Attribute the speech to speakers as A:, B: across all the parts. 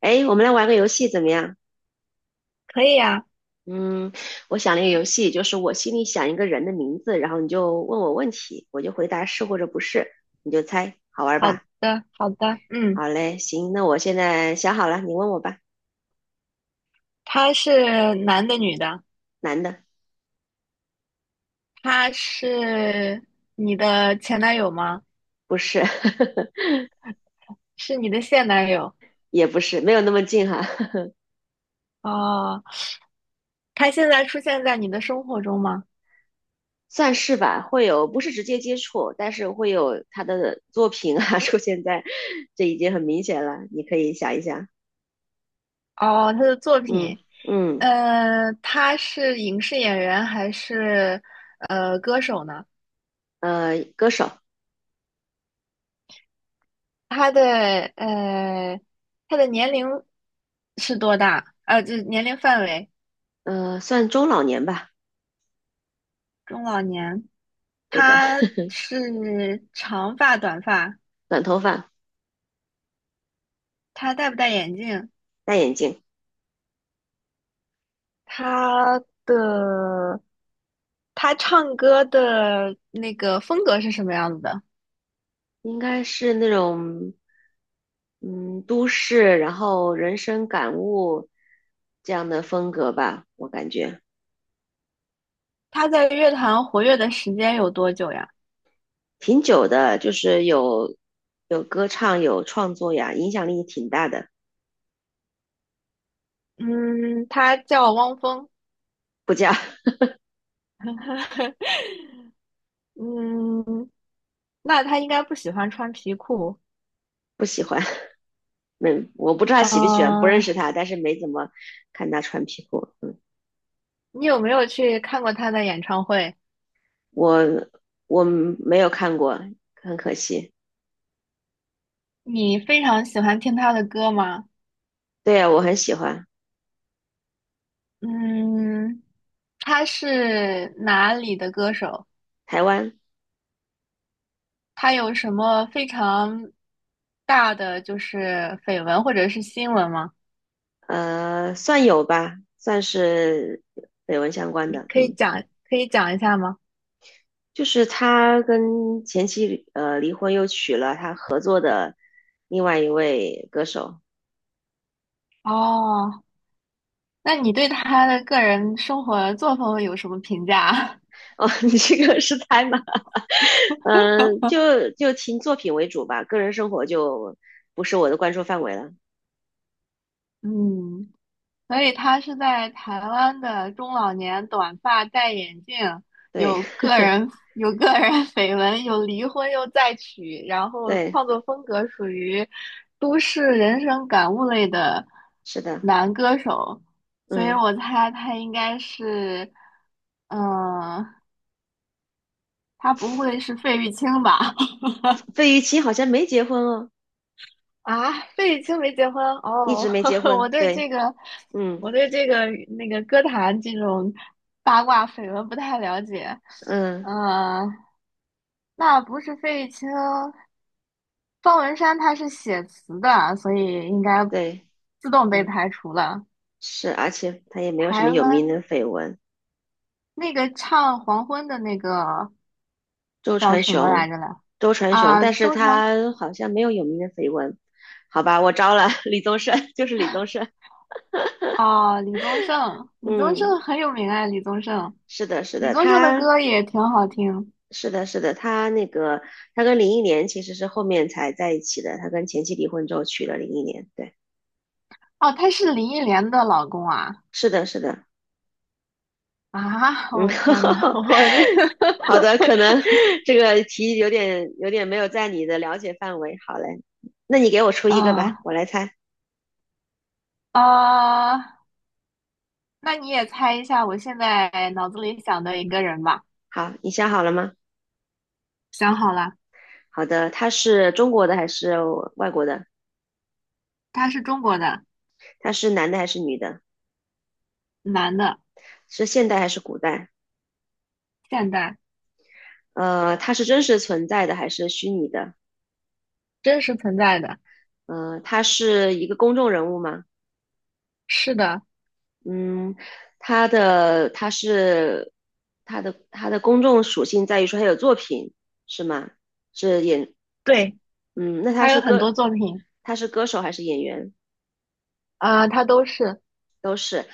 A: 哎，我们来玩个游戏怎么样？
B: 可以啊，
A: 嗯，我想了一个游戏，就是我心里想一个人的名字，然后你就问我问题，我就回答是或者不是，你就猜，好玩
B: 好
A: 吧？
B: 的，好的，嗯，
A: 好嘞，行，那我现在想好了，你问我吧。
B: 他是男的女的？
A: 男的。
B: 他是你的前男友吗？
A: 不是。
B: 是你的现男友？
A: 也不是，没有那么近哈。
B: 哦，他现在出现在你的生活中吗？
A: 算是吧，会有，不是直接接触，但是会有他的作品啊 出现在，这已经很明显了，你可以想一想。
B: 哦，他的作
A: 嗯
B: 品，
A: 嗯。
B: 他是影视演员还是歌手呢？
A: 歌手。
B: 他的呃，他的年龄是多大？就是年龄范围，
A: 算中老年吧。
B: 中老年。
A: 对的。
B: 他 是长发短发，
A: 短头发，
B: 他戴不戴眼镜？
A: 戴眼镜。
B: 他的他唱歌的那个风格是什么样子的？
A: 应该是那种嗯都市，然后人生感悟这样的风格吧，我感觉
B: 他在乐坛活跃的时间有多久呀？
A: 挺久的，就是有歌唱，有创作呀，影响力挺大的。
B: 嗯，他叫汪峰。
A: 不加。
B: 嗯，那他应该不喜欢穿皮裤。
A: 不喜欢。没，我不知道他
B: 嗯、
A: 喜不喜欢，不认识
B: 呃
A: 他，但是没怎么看他穿皮裤，嗯，
B: 你有没有去看过他的演唱会？
A: 我我没有看过，很可惜。
B: 你非常喜欢听他的歌吗？
A: 对呀，我很喜欢。
B: 嗯，他是哪里的歌手？
A: 台湾。
B: 他有什么非常大的就是绯闻或者是新闻吗？
A: 算有吧，算是绯闻相关的。
B: 可以
A: 嗯，
B: 讲，可以讲一下吗？
A: 就是他跟前妻离婚，又娶了他和另外一位歌手。
B: 哦，那你对他的个人生活作风有什么评价？
A: 哦，你这个是猜吗？嗯，就听作品为主吧，个人生活就不是我的关注范围了。
B: 嗯，所以他是在台湾的中老年，短发，戴眼镜，
A: 对，
B: 有个 人有个人 绯闻，有离婚又再娶，然后
A: 对，
B: 创作风格属于都市人生感悟类的
A: 是的。
B: 男歌手，所以
A: 嗯，
B: 我猜他应该是，嗯、他不会是费玉清吧？
A: 费玉清好像没结婚哦，
B: 啊，费玉清没结婚
A: 一
B: 哦，
A: 直没结
B: 我
A: 婚。
B: 对这
A: 对，
B: 个，
A: 嗯
B: 我对这个那个歌坛这种八卦绯闻不太了解。
A: 嗯，
B: 呃，那不是费玉清，方文山他是写词的，所以应该
A: 对，
B: 自动被
A: 嗯，
B: 排除了。
A: 是，而且他也没有什么
B: 台
A: 有名
B: 湾
A: 的绯闻。
B: 那个唱《黄昏》的那个
A: 周
B: 叫
A: 传
B: 什么来
A: 雄。
B: 着来？
A: 周传雄，
B: 啊，
A: 但是
B: 周传
A: 他好像没有有名的绯闻。好吧，我招了 李宗盛，就是李宗盛。
B: 啊，李宗盛，李宗
A: 嗯，
B: 盛很有名啊，李宗盛，
A: 是的，是
B: 李
A: 的，
B: 宗盛的
A: 他
B: 歌也挺好听。
A: 是的，是的，他那个他跟林忆莲其实是后面才在一起的，他跟前妻离婚之后娶了林忆莲。对，
B: 哦，他是林忆莲的老公啊！
A: 是的，是的。
B: 啊，
A: 嗯。
B: 我天呐，我这，
A: 好的，可能 这个题有点没有在你的了解范围。好嘞，那你给我出一个吧，
B: 嗯
A: 我来猜。
B: 啊，那你也猜一下，我现在脑子里想的一个人吧，
A: 好，你想好了吗？
B: 想好了，
A: 好的，他是中国的还是外国的？
B: 他是中国的，
A: 他是男的还是女的？
B: 男的，
A: 是现代还是古代？
B: 现代，
A: 他是真实存在的还是虚拟的？
B: 真实存在的，
A: 他是一个公众人物吗？
B: 是的，
A: 嗯，他的他是他的他的公众属性在于说他有作品是吗？是演
B: 对，
A: 嗯，那他
B: 他
A: 是
B: 有很
A: 歌
B: 多作品，
A: 他是歌手还是演员？
B: 啊，他都是，
A: 都是。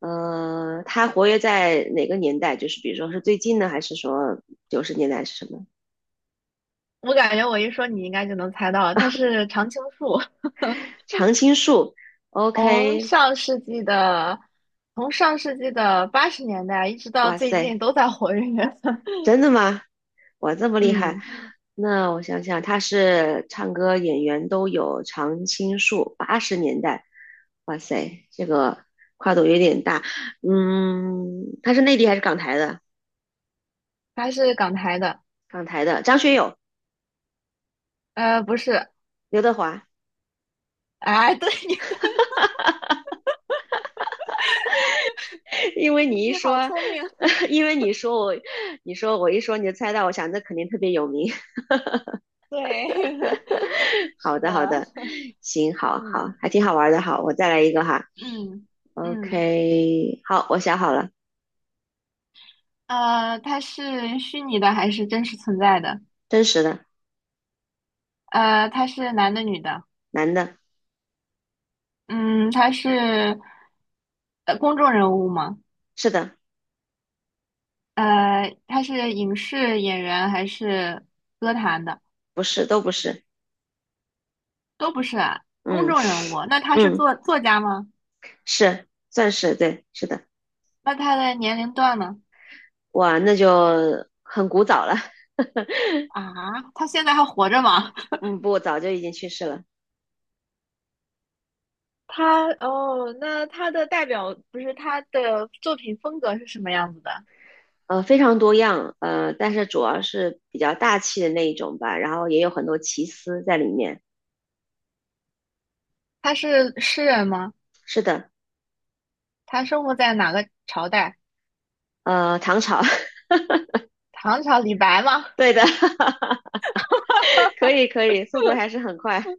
A: 他活跃在哪个年代？就是比如说是最近呢，还是说九十年代还是什么？
B: 我感觉我一说你应该就能猜到了，他是常青树，
A: 常青树
B: 从
A: ，OK。
B: 上世纪的。从上世纪的80年代一直到
A: 哇
B: 最
A: 塞，
B: 近都在活跃。
A: 真的吗？哇，这么厉害！
B: 嗯，
A: 那我想想，他是唱歌演员都有，常青树，八十年代，哇塞，这个跨度有点大。嗯，他是内地还是港台的？
B: 他是港台的，
A: 港台的，张学友、
B: 不是，
A: 刘德华。
B: 哎，对，你
A: 因为你 一
B: 你好
A: 说。
B: 聪明，
A: 因为你说我，你说我一说你就猜到，我想这肯定特别有名。
B: 对，
A: 好
B: 是
A: 的，好
B: 的，
A: 的。行，好好，
B: 嗯
A: 还挺好玩的。好，我再来一个哈。
B: 嗯嗯，
A: OK,好，我想好了。
B: 他是虚拟的还是真实存在的？
A: 真实的。
B: 他是男的女的？
A: 男的。
B: 嗯，他是公众人物吗？
A: 是的。
B: 他是影视演员还是歌坛的？
A: 不是，都不是。
B: 都不是啊，公
A: 嗯
B: 众人物。那他是
A: 嗯。
B: 家吗？
A: 是，算是，对，是的。
B: 那他的年龄段呢？
A: 哇，那就很古早了。
B: 啊，他现在还活着吗？
A: 嗯，不，早就已经去世了。
B: 他哦，那他的代表不是他的作品风格是什么样子的？
A: 非常多样。但是主要是比较大气的那一种吧，然后也有很多奇思在里面。
B: 他是诗人吗？
A: 是的。
B: 他生活在哪个朝代？
A: 唐朝。
B: 唐朝李白吗？
A: 对的。可以 可以，速度还是很快。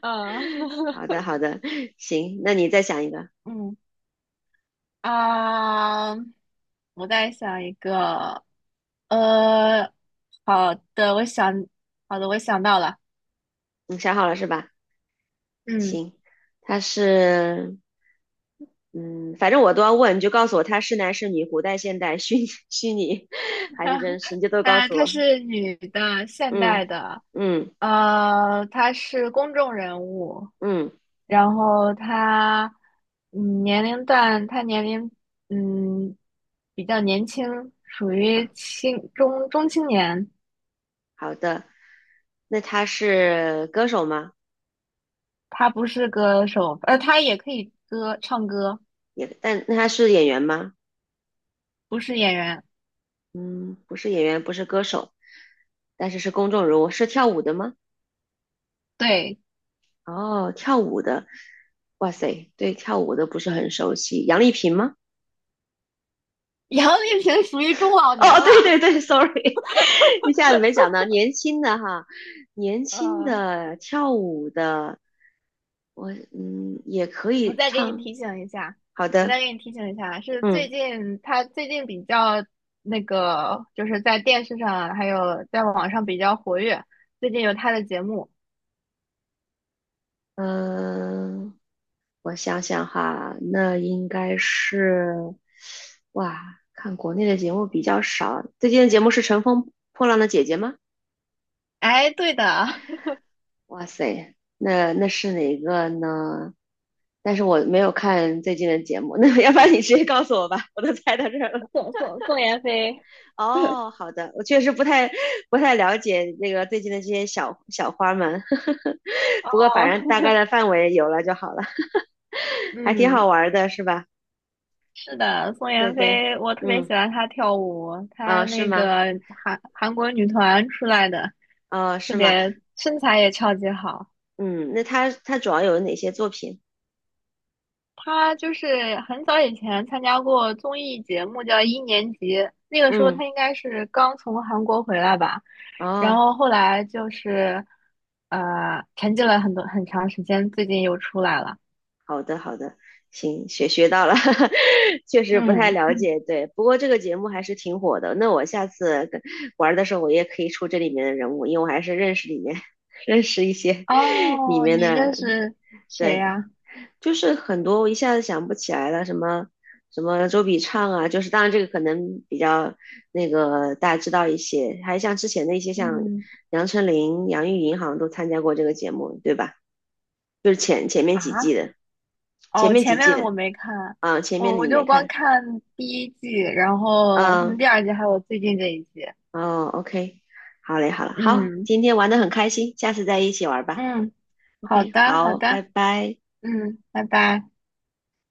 B: 嗯，
A: 好的好的。行，那你再想一个。
B: 嗯啊，我在想一个，呃，好的，我想，好的，我想到了，
A: 你想好了是吧？
B: 嗯，
A: 行，他是，嗯，反正我都要问，你就告诉我他是男是女，古代、现代、虚拟还是真实，你就都告诉
B: 她
A: 我。
B: 是女的，现代
A: 嗯
B: 的，
A: 嗯
B: 她是公众人物，
A: 嗯，
B: 然后她，嗯，年龄段，她年龄，嗯，比较年轻，属于
A: 啊
B: 中青年。
A: 好的。那他是歌手吗？
B: 她不是歌手，她也可以唱歌，
A: 也，但那他是演员吗？
B: 不是演员。
A: 嗯，不是演员，不是歌手，但是是公众人物，是跳舞的吗？
B: 对，
A: 哦，跳舞的。哇塞，对跳舞的不是很熟悉。杨丽萍吗？
B: 杨丽萍属于中老年
A: 哦，对
B: 啦。
A: 对对，sorry。一下子没想到年轻的哈，年 轻
B: 呃，
A: 的跳舞的，我也可
B: 我
A: 以
B: 再给你
A: 唱。
B: 提醒一下，
A: 好
B: 我再
A: 的。
B: 给你提醒一下，是
A: 嗯
B: 他最近比较那个，就是在电视上还有在网上比较活跃，最近有他的节目。
A: 嗯、呃我想想哈。那应该是哇，看国内的节目比较少。最近的节目是《乘风破浪的姐姐》吗？
B: 哎，对的，
A: 哇塞，那是哪个呢？但是我没有看最近的节目，那要不然你直接告诉我吧，我都猜到这儿了。
B: 宋妍霏，
A: 哦，好的，我确实不太了解那个最近的这些小小花们。
B: 哦，
A: 不过反正大概的范围有了就好了。还挺好
B: 嗯，
A: 玩儿的，是吧？
B: 是的，宋妍
A: 对对。
B: 霏，我特别喜
A: 嗯，
B: 欢她跳舞，她
A: 啊、是
B: 那
A: 吗？
B: 个韩国女团出来的，
A: 啊、
B: 特
A: 是吗？
B: 别身材也超级好。
A: 嗯，那他主要有哪些作品？
B: 他就是很早以前参加过综艺节目，叫《一年级》，那个时候
A: 嗯，
B: 他应该是刚从韩国回来吧，然
A: 哦。
B: 后后来就是沉寂了很长时间，最近又出来了。
A: 好的，好的。行，学到了。确实不太
B: 嗯，
A: 了
B: 嗯
A: 解，对。不过这个节目还是挺火的，那我下次跟玩的时候，我也可以出这里面的人物，因为我还是认识里面 认识一些 里
B: 哦，
A: 面
B: 你认
A: 的。
B: 识谁
A: 对。
B: 呀？
A: 就是很多我一下子想不起来了，什么什么周笔畅啊，就是当然这个可能比较那个大家知道一些，还像之前的一些像
B: 嗯
A: 杨丞琳、杨钰莹好像都参加过这个节目，对吧？就是前面几季
B: 啊，
A: 的。前
B: 哦，
A: 面
B: 前
A: 几季
B: 面
A: 的
B: 我没看，
A: 啊，前面的
B: 我
A: 你没
B: 就光
A: 看。
B: 看第一季，然后可能
A: 嗯、
B: 第二季还有最近这一季。
A: 哦，OK。好嘞，好了，好，
B: 嗯
A: 今天玩的很开心，下次再一起玩吧
B: 嗯，好
A: ，OK,
B: 的好
A: 好，
B: 的，
A: 拜拜。
B: 嗯，拜拜。